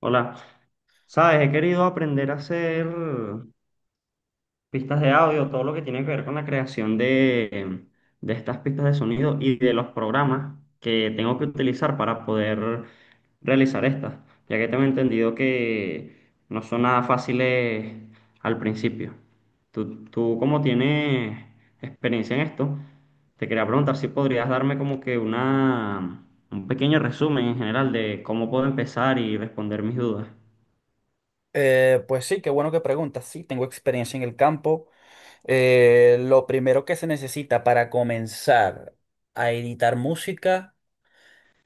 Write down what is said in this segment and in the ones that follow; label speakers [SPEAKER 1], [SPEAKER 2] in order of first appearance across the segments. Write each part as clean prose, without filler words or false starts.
[SPEAKER 1] Hola, sabes, he querido aprender a hacer pistas de audio, todo lo que tiene que ver con la creación de estas pistas de sonido y de los programas que tengo que utilizar para poder realizar estas, ya que tengo entendido que no son nada fáciles al principio. Tú como tienes experiencia en esto, te quería preguntar si podrías darme como que un pequeño resumen en general de cómo puedo empezar y responder mis dudas.
[SPEAKER 2] Pues sí, qué bueno que preguntas. Sí, tengo experiencia en el campo. Lo primero que se necesita para comenzar a editar música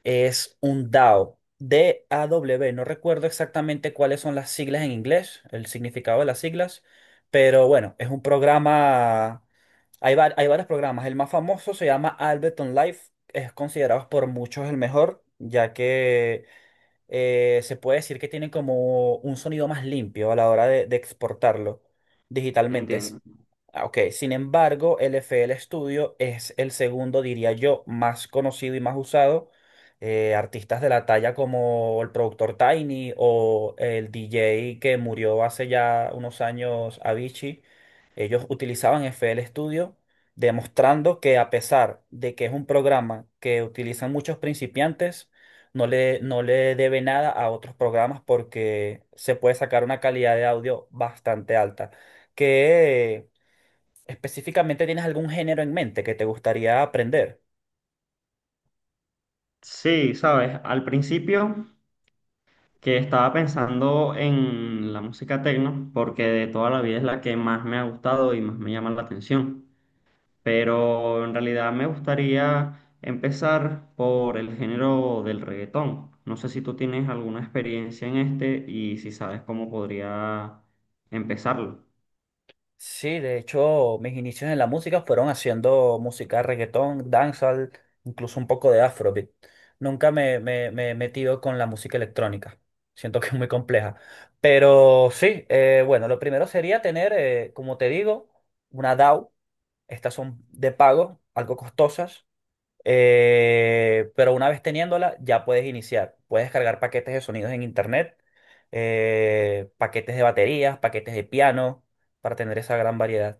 [SPEAKER 2] es un DAW, D-A-W. No recuerdo exactamente cuáles son las siglas en inglés, el significado de las siglas, pero bueno, es un programa. Hay varios programas. El más famoso se llama Ableton Live. Es considerado por muchos el mejor, ya que se puede decir que tienen como un sonido más limpio a la hora de exportarlo digitalmente.
[SPEAKER 1] Entiendo.
[SPEAKER 2] Ok, sin embargo, el FL Studio es el segundo, diría yo, más conocido y más usado. Artistas de la talla como el productor Tiny o el DJ que murió hace ya unos años, Avicii, ellos utilizaban FL Studio, demostrando que a pesar de que es un programa que utilizan muchos principiantes, no le debe nada a otros programas porque se puede sacar una calidad de audio bastante alta. ¿Que específicamente tienes algún género en mente que te gustaría aprender?
[SPEAKER 1] Sí, sabes, al principio que estaba pensando en la música techno, porque de toda la vida es la que más me ha gustado y más me llama la atención, pero en realidad me gustaría empezar por el género del reggaetón. No sé si tú tienes alguna experiencia en este y si sabes cómo podría empezarlo.
[SPEAKER 2] Sí, de hecho, mis inicios en la música fueron haciendo música reggaetón, dancehall, incluso un poco de afrobeat. Nunca me he metido con la música electrónica. Siento que es muy compleja. Pero sí, bueno, lo primero sería tener, como te digo, una DAW. Estas son de pago, algo costosas, pero una vez teniéndola ya puedes iniciar. Puedes cargar paquetes de sonidos en internet, paquetes de baterías, paquetes de piano, para tener esa gran variedad.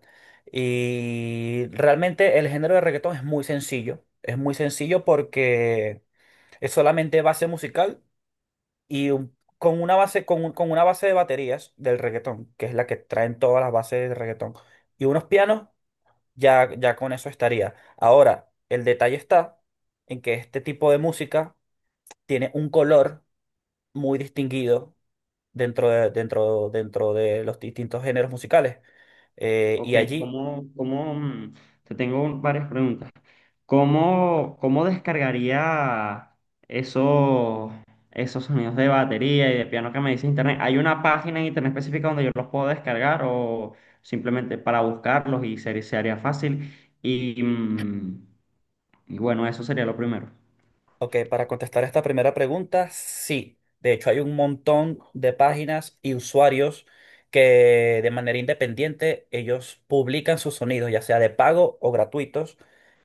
[SPEAKER 2] Y realmente el género de reggaetón es muy sencillo. Es muy sencillo porque es solamente base musical con una base, con una base de baterías del reggaetón, que es la que traen todas las bases de reggaetón, y unos pianos ya con eso estaría. Ahora, el detalle está en que este tipo de música tiene un color muy distinguido dentro de los distintos géneros musicales. Eh, y
[SPEAKER 1] Ok.
[SPEAKER 2] allí
[SPEAKER 1] ¿Cómo, te tengo varias preguntas. ¿Cómo, cómo descargaría esos, esos sonidos de batería y de piano que me dice internet? ¿Hay una página en internet específica donde yo los puedo descargar o simplemente para buscarlos y se haría fácil? Y, mm, y bueno, eso sería lo primero.
[SPEAKER 2] Ok, para contestar esta primera pregunta, sí. De hecho, hay un montón de páginas y usuarios que de manera independiente ellos publican sus sonidos, ya sea de pago o gratuitos,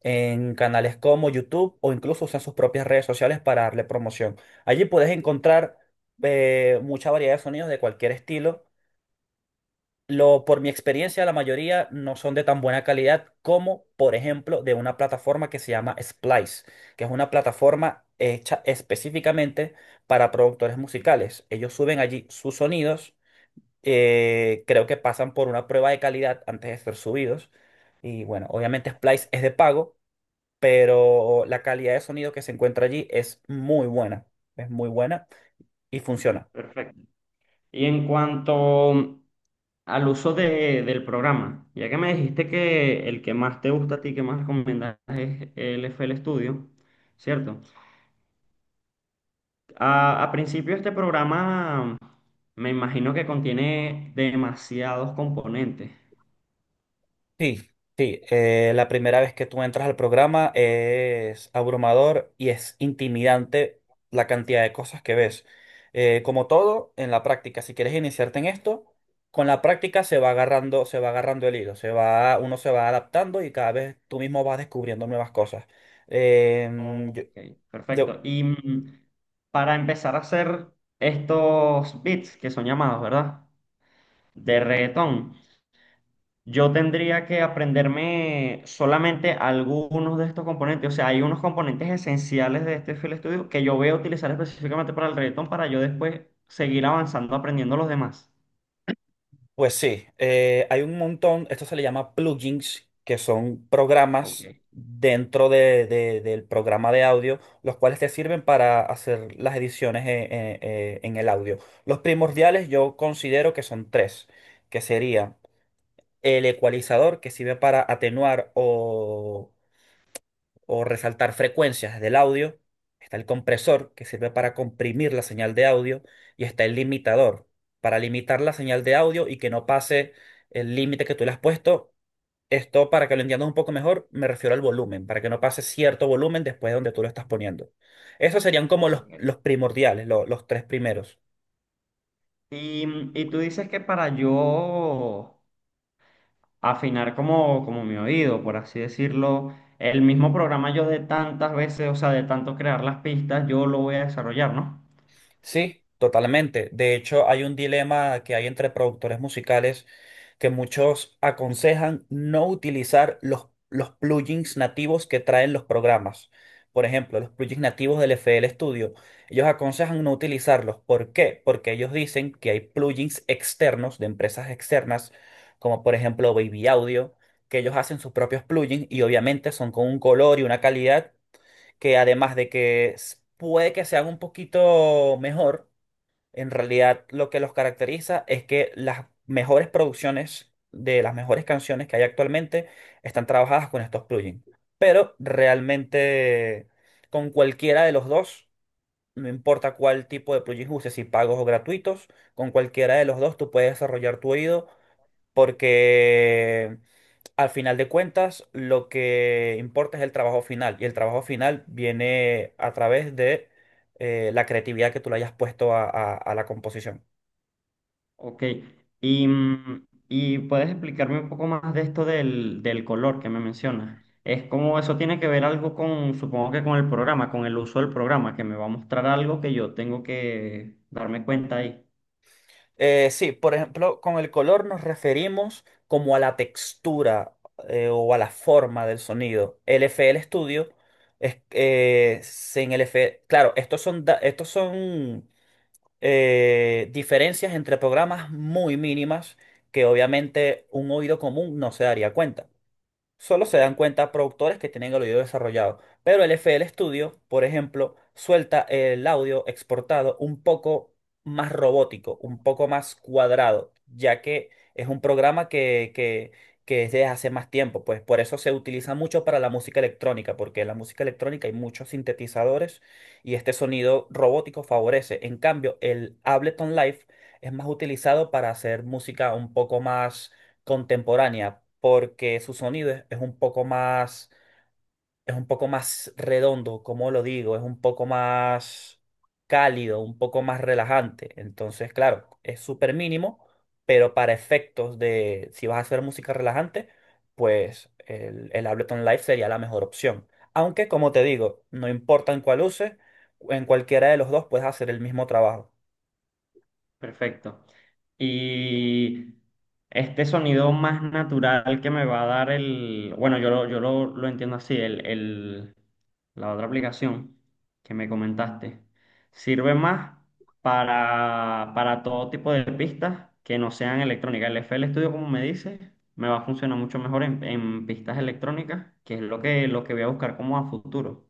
[SPEAKER 2] en canales como YouTube o incluso usan sus propias redes sociales para darle promoción. Allí puedes encontrar mucha variedad de sonidos de cualquier estilo. Lo, por mi experiencia, la mayoría no son de tan buena calidad como, por ejemplo, de una plataforma que se llama Splice, que es una plataforma hecha específicamente para productores musicales. Ellos suben allí sus sonidos. Creo que pasan por una prueba de calidad antes de ser subidos. Y bueno, obviamente Splice es de pago, pero la calidad de sonido que se encuentra allí es muy buena y funciona.
[SPEAKER 1] Perfecto. Y en cuanto al uso del programa, ya que me dijiste que el que más te gusta a ti, que más recomiendas es el FL Studio, ¿cierto? A principio este programa me imagino que contiene demasiados componentes.
[SPEAKER 2] Sí, sí. La primera vez que tú entras al programa es abrumador y es intimidante la cantidad de cosas que ves. Como todo, en la práctica, si quieres iniciarte en esto, con la práctica se va agarrando el hilo, se va, uno se va adaptando y cada vez tú mismo vas descubriendo nuevas cosas. Eh,
[SPEAKER 1] Ok,
[SPEAKER 2] yo- yo-
[SPEAKER 1] perfecto. Para empezar a hacer estos beats que son llamados, ¿verdad? De reggaetón. Yo tendría que aprenderme solamente algunos de estos componentes. O sea, hay unos componentes esenciales de este FL Studio que yo voy a utilizar específicamente para el reggaetón para yo después seguir avanzando aprendiendo los demás.
[SPEAKER 2] Pues sí, hay un montón, esto se le llama plugins, que son
[SPEAKER 1] Ok,
[SPEAKER 2] programas dentro del programa de audio, los cuales te sirven para hacer las ediciones en el audio. Los primordiales yo considero que son tres, que sería el ecualizador, que sirve para atenuar o resaltar frecuencias del audio. Está el compresor que sirve para comprimir la señal de audio y está el limitador para limitar la señal de audio y que no pase el límite que tú le has puesto. Esto, para que lo entiendas un poco mejor, me refiero al volumen, para que no pase cierto volumen después de donde tú lo estás poniendo. Esos serían como
[SPEAKER 1] ok.
[SPEAKER 2] los primordiales, los tres primeros.
[SPEAKER 1] Y tú dices que para yo afinar como mi oído, por así decirlo, el mismo programa yo de tantas veces, o sea, de tanto crear las pistas, yo lo voy a desarrollar, ¿no?
[SPEAKER 2] Sí, totalmente. De hecho, hay un dilema que hay entre productores musicales que muchos aconsejan no utilizar los plugins nativos que traen los programas. Por ejemplo, los plugins nativos del FL Studio. Ellos aconsejan no utilizarlos. ¿Por qué? Porque ellos dicen que hay plugins externos de empresas externas, como por ejemplo Baby Audio, que ellos hacen sus propios plugins y obviamente son con un color y una calidad que además de que puede que sean un poquito mejor, en realidad lo que los caracteriza es que las mejores producciones de las mejores canciones que hay actualmente están trabajadas con estos plugins. Pero realmente con cualquiera de los dos, no importa cuál tipo de plugins uses, si pagos o gratuitos, con cualquiera de los dos tú puedes desarrollar tu oído porque al final de cuentas, lo que importa es el trabajo final y el trabajo final viene a través de la creatividad que tú le hayas puesto a, a la composición.
[SPEAKER 1] Ok, y puedes explicarme un poco más de esto del color que me mencionas. Es como eso tiene que ver algo con, supongo que con el programa, con el uso del programa, que me va a mostrar algo que yo tengo que darme cuenta ahí.
[SPEAKER 2] Sí, por ejemplo, con el color nos referimos como a la textura, o a la forma del sonido. El FL Studio es en el FL, claro, estos son diferencias entre programas muy mínimas que obviamente un oído común no se daría cuenta. Solo se
[SPEAKER 1] Ok.
[SPEAKER 2] dan cuenta productores que tienen el oído desarrollado, pero el F FL Studio, por ejemplo, suelta el audio exportado un poco más robótico, un poco más cuadrado, ya que es un programa que es desde hace más tiempo, pues por eso se utiliza mucho para la música electrónica, porque en la música electrónica hay muchos sintetizadores y este sonido robótico favorece. En cambio, el Ableton Live es más utilizado para hacer música un poco más contemporánea, porque su sonido es un poco más, es un poco más redondo, como lo digo, es un poco más cálido, un poco más relajante. Entonces, claro, es súper mínimo, pero para efectos de si vas a hacer música relajante, pues el Ableton Live sería la mejor opción. Aunque, como te digo, no importa en cuál uses, en cualquiera de los dos puedes hacer el mismo trabajo.
[SPEAKER 1] Perfecto. Y este sonido más natural que me va a dar el, bueno, lo entiendo así, la otra aplicación que me comentaste, sirve más para todo tipo de pistas que no sean electrónicas. El FL Studio, como me dices, me va a funcionar mucho mejor en pistas electrónicas, que es lo que voy a buscar como a futuro.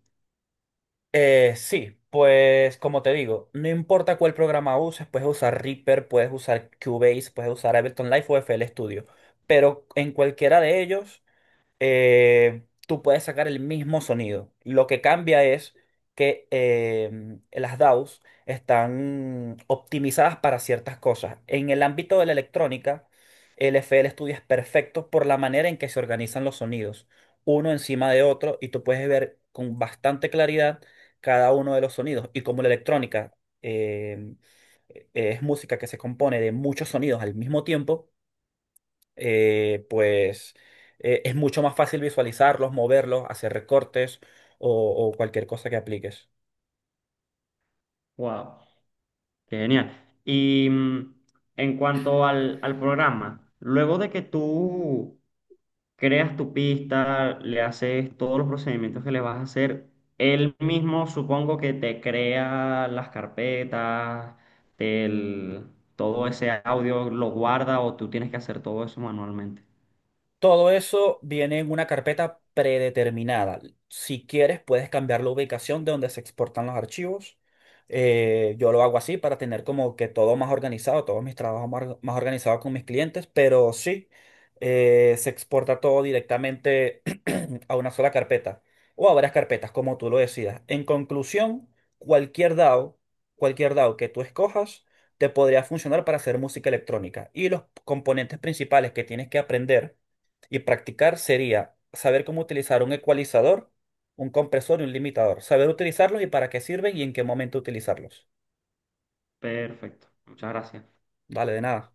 [SPEAKER 2] Sí, pues como te digo, no importa cuál programa uses, puedes usar Reaper, puedes usar Cubase, puedes usar Ableton Live o FL Studio, pero en cualquiera de ellos tú puedes sacar el mismo sonido. Lo que cambia es que las DAWs están optimizadas para ciertas cosas. En el ámbito de la electrónica, el FL Studio es perfecto por la manera en que se organizan los sonidos, uno encima de otro, y tú puedes ver con bastante claridad cada uno de los sonidos. Y como la electrónica em, es música que se compone de muchos sonidos al mismo tiempo, eh, pues es mucho más fácil visualizarlos, moverlos, hacer recortes o cualquier cosa que apliques.
[SPEAKER 1] Wow. Qué genial. Y mm, en cuanto al, al programa, luego de que tú creas tu pista, le haces todos los procedimientos que le vas a hacer, él mismo supongo que te crea las carpetas, el, todo ese audio lo guarda o tú tienes que hacer todo eso manualmente.
[SPEAKER 2] Todo eso viene en una carpeta predeterminada. Si quieres, puedes cambiar la ubicación de donde se exportan los archivos. Yo lo hago así para tener como que todo más organizado, todos mis trabajos más, más organizados con mis clientes, pero sí, se exporta todo directamente a una sola carpeta o a varias carpetas, como tú lo decidas. En conclusión, cualquier DAW, cualquier DAW que tú escojas, te podría funcionar para hacer música electrónica. Y los componentes principales que tienes que aprender y practicar sería saber cómo utilizar un ecualizador, un compresor y un limitador, saber utilizarlos y para qué sirven y en qué momento utilizarlos.
[SPEAKER 1] Perfecto. Muchas gracias.
[SPEAKER 2] Vale, de nada.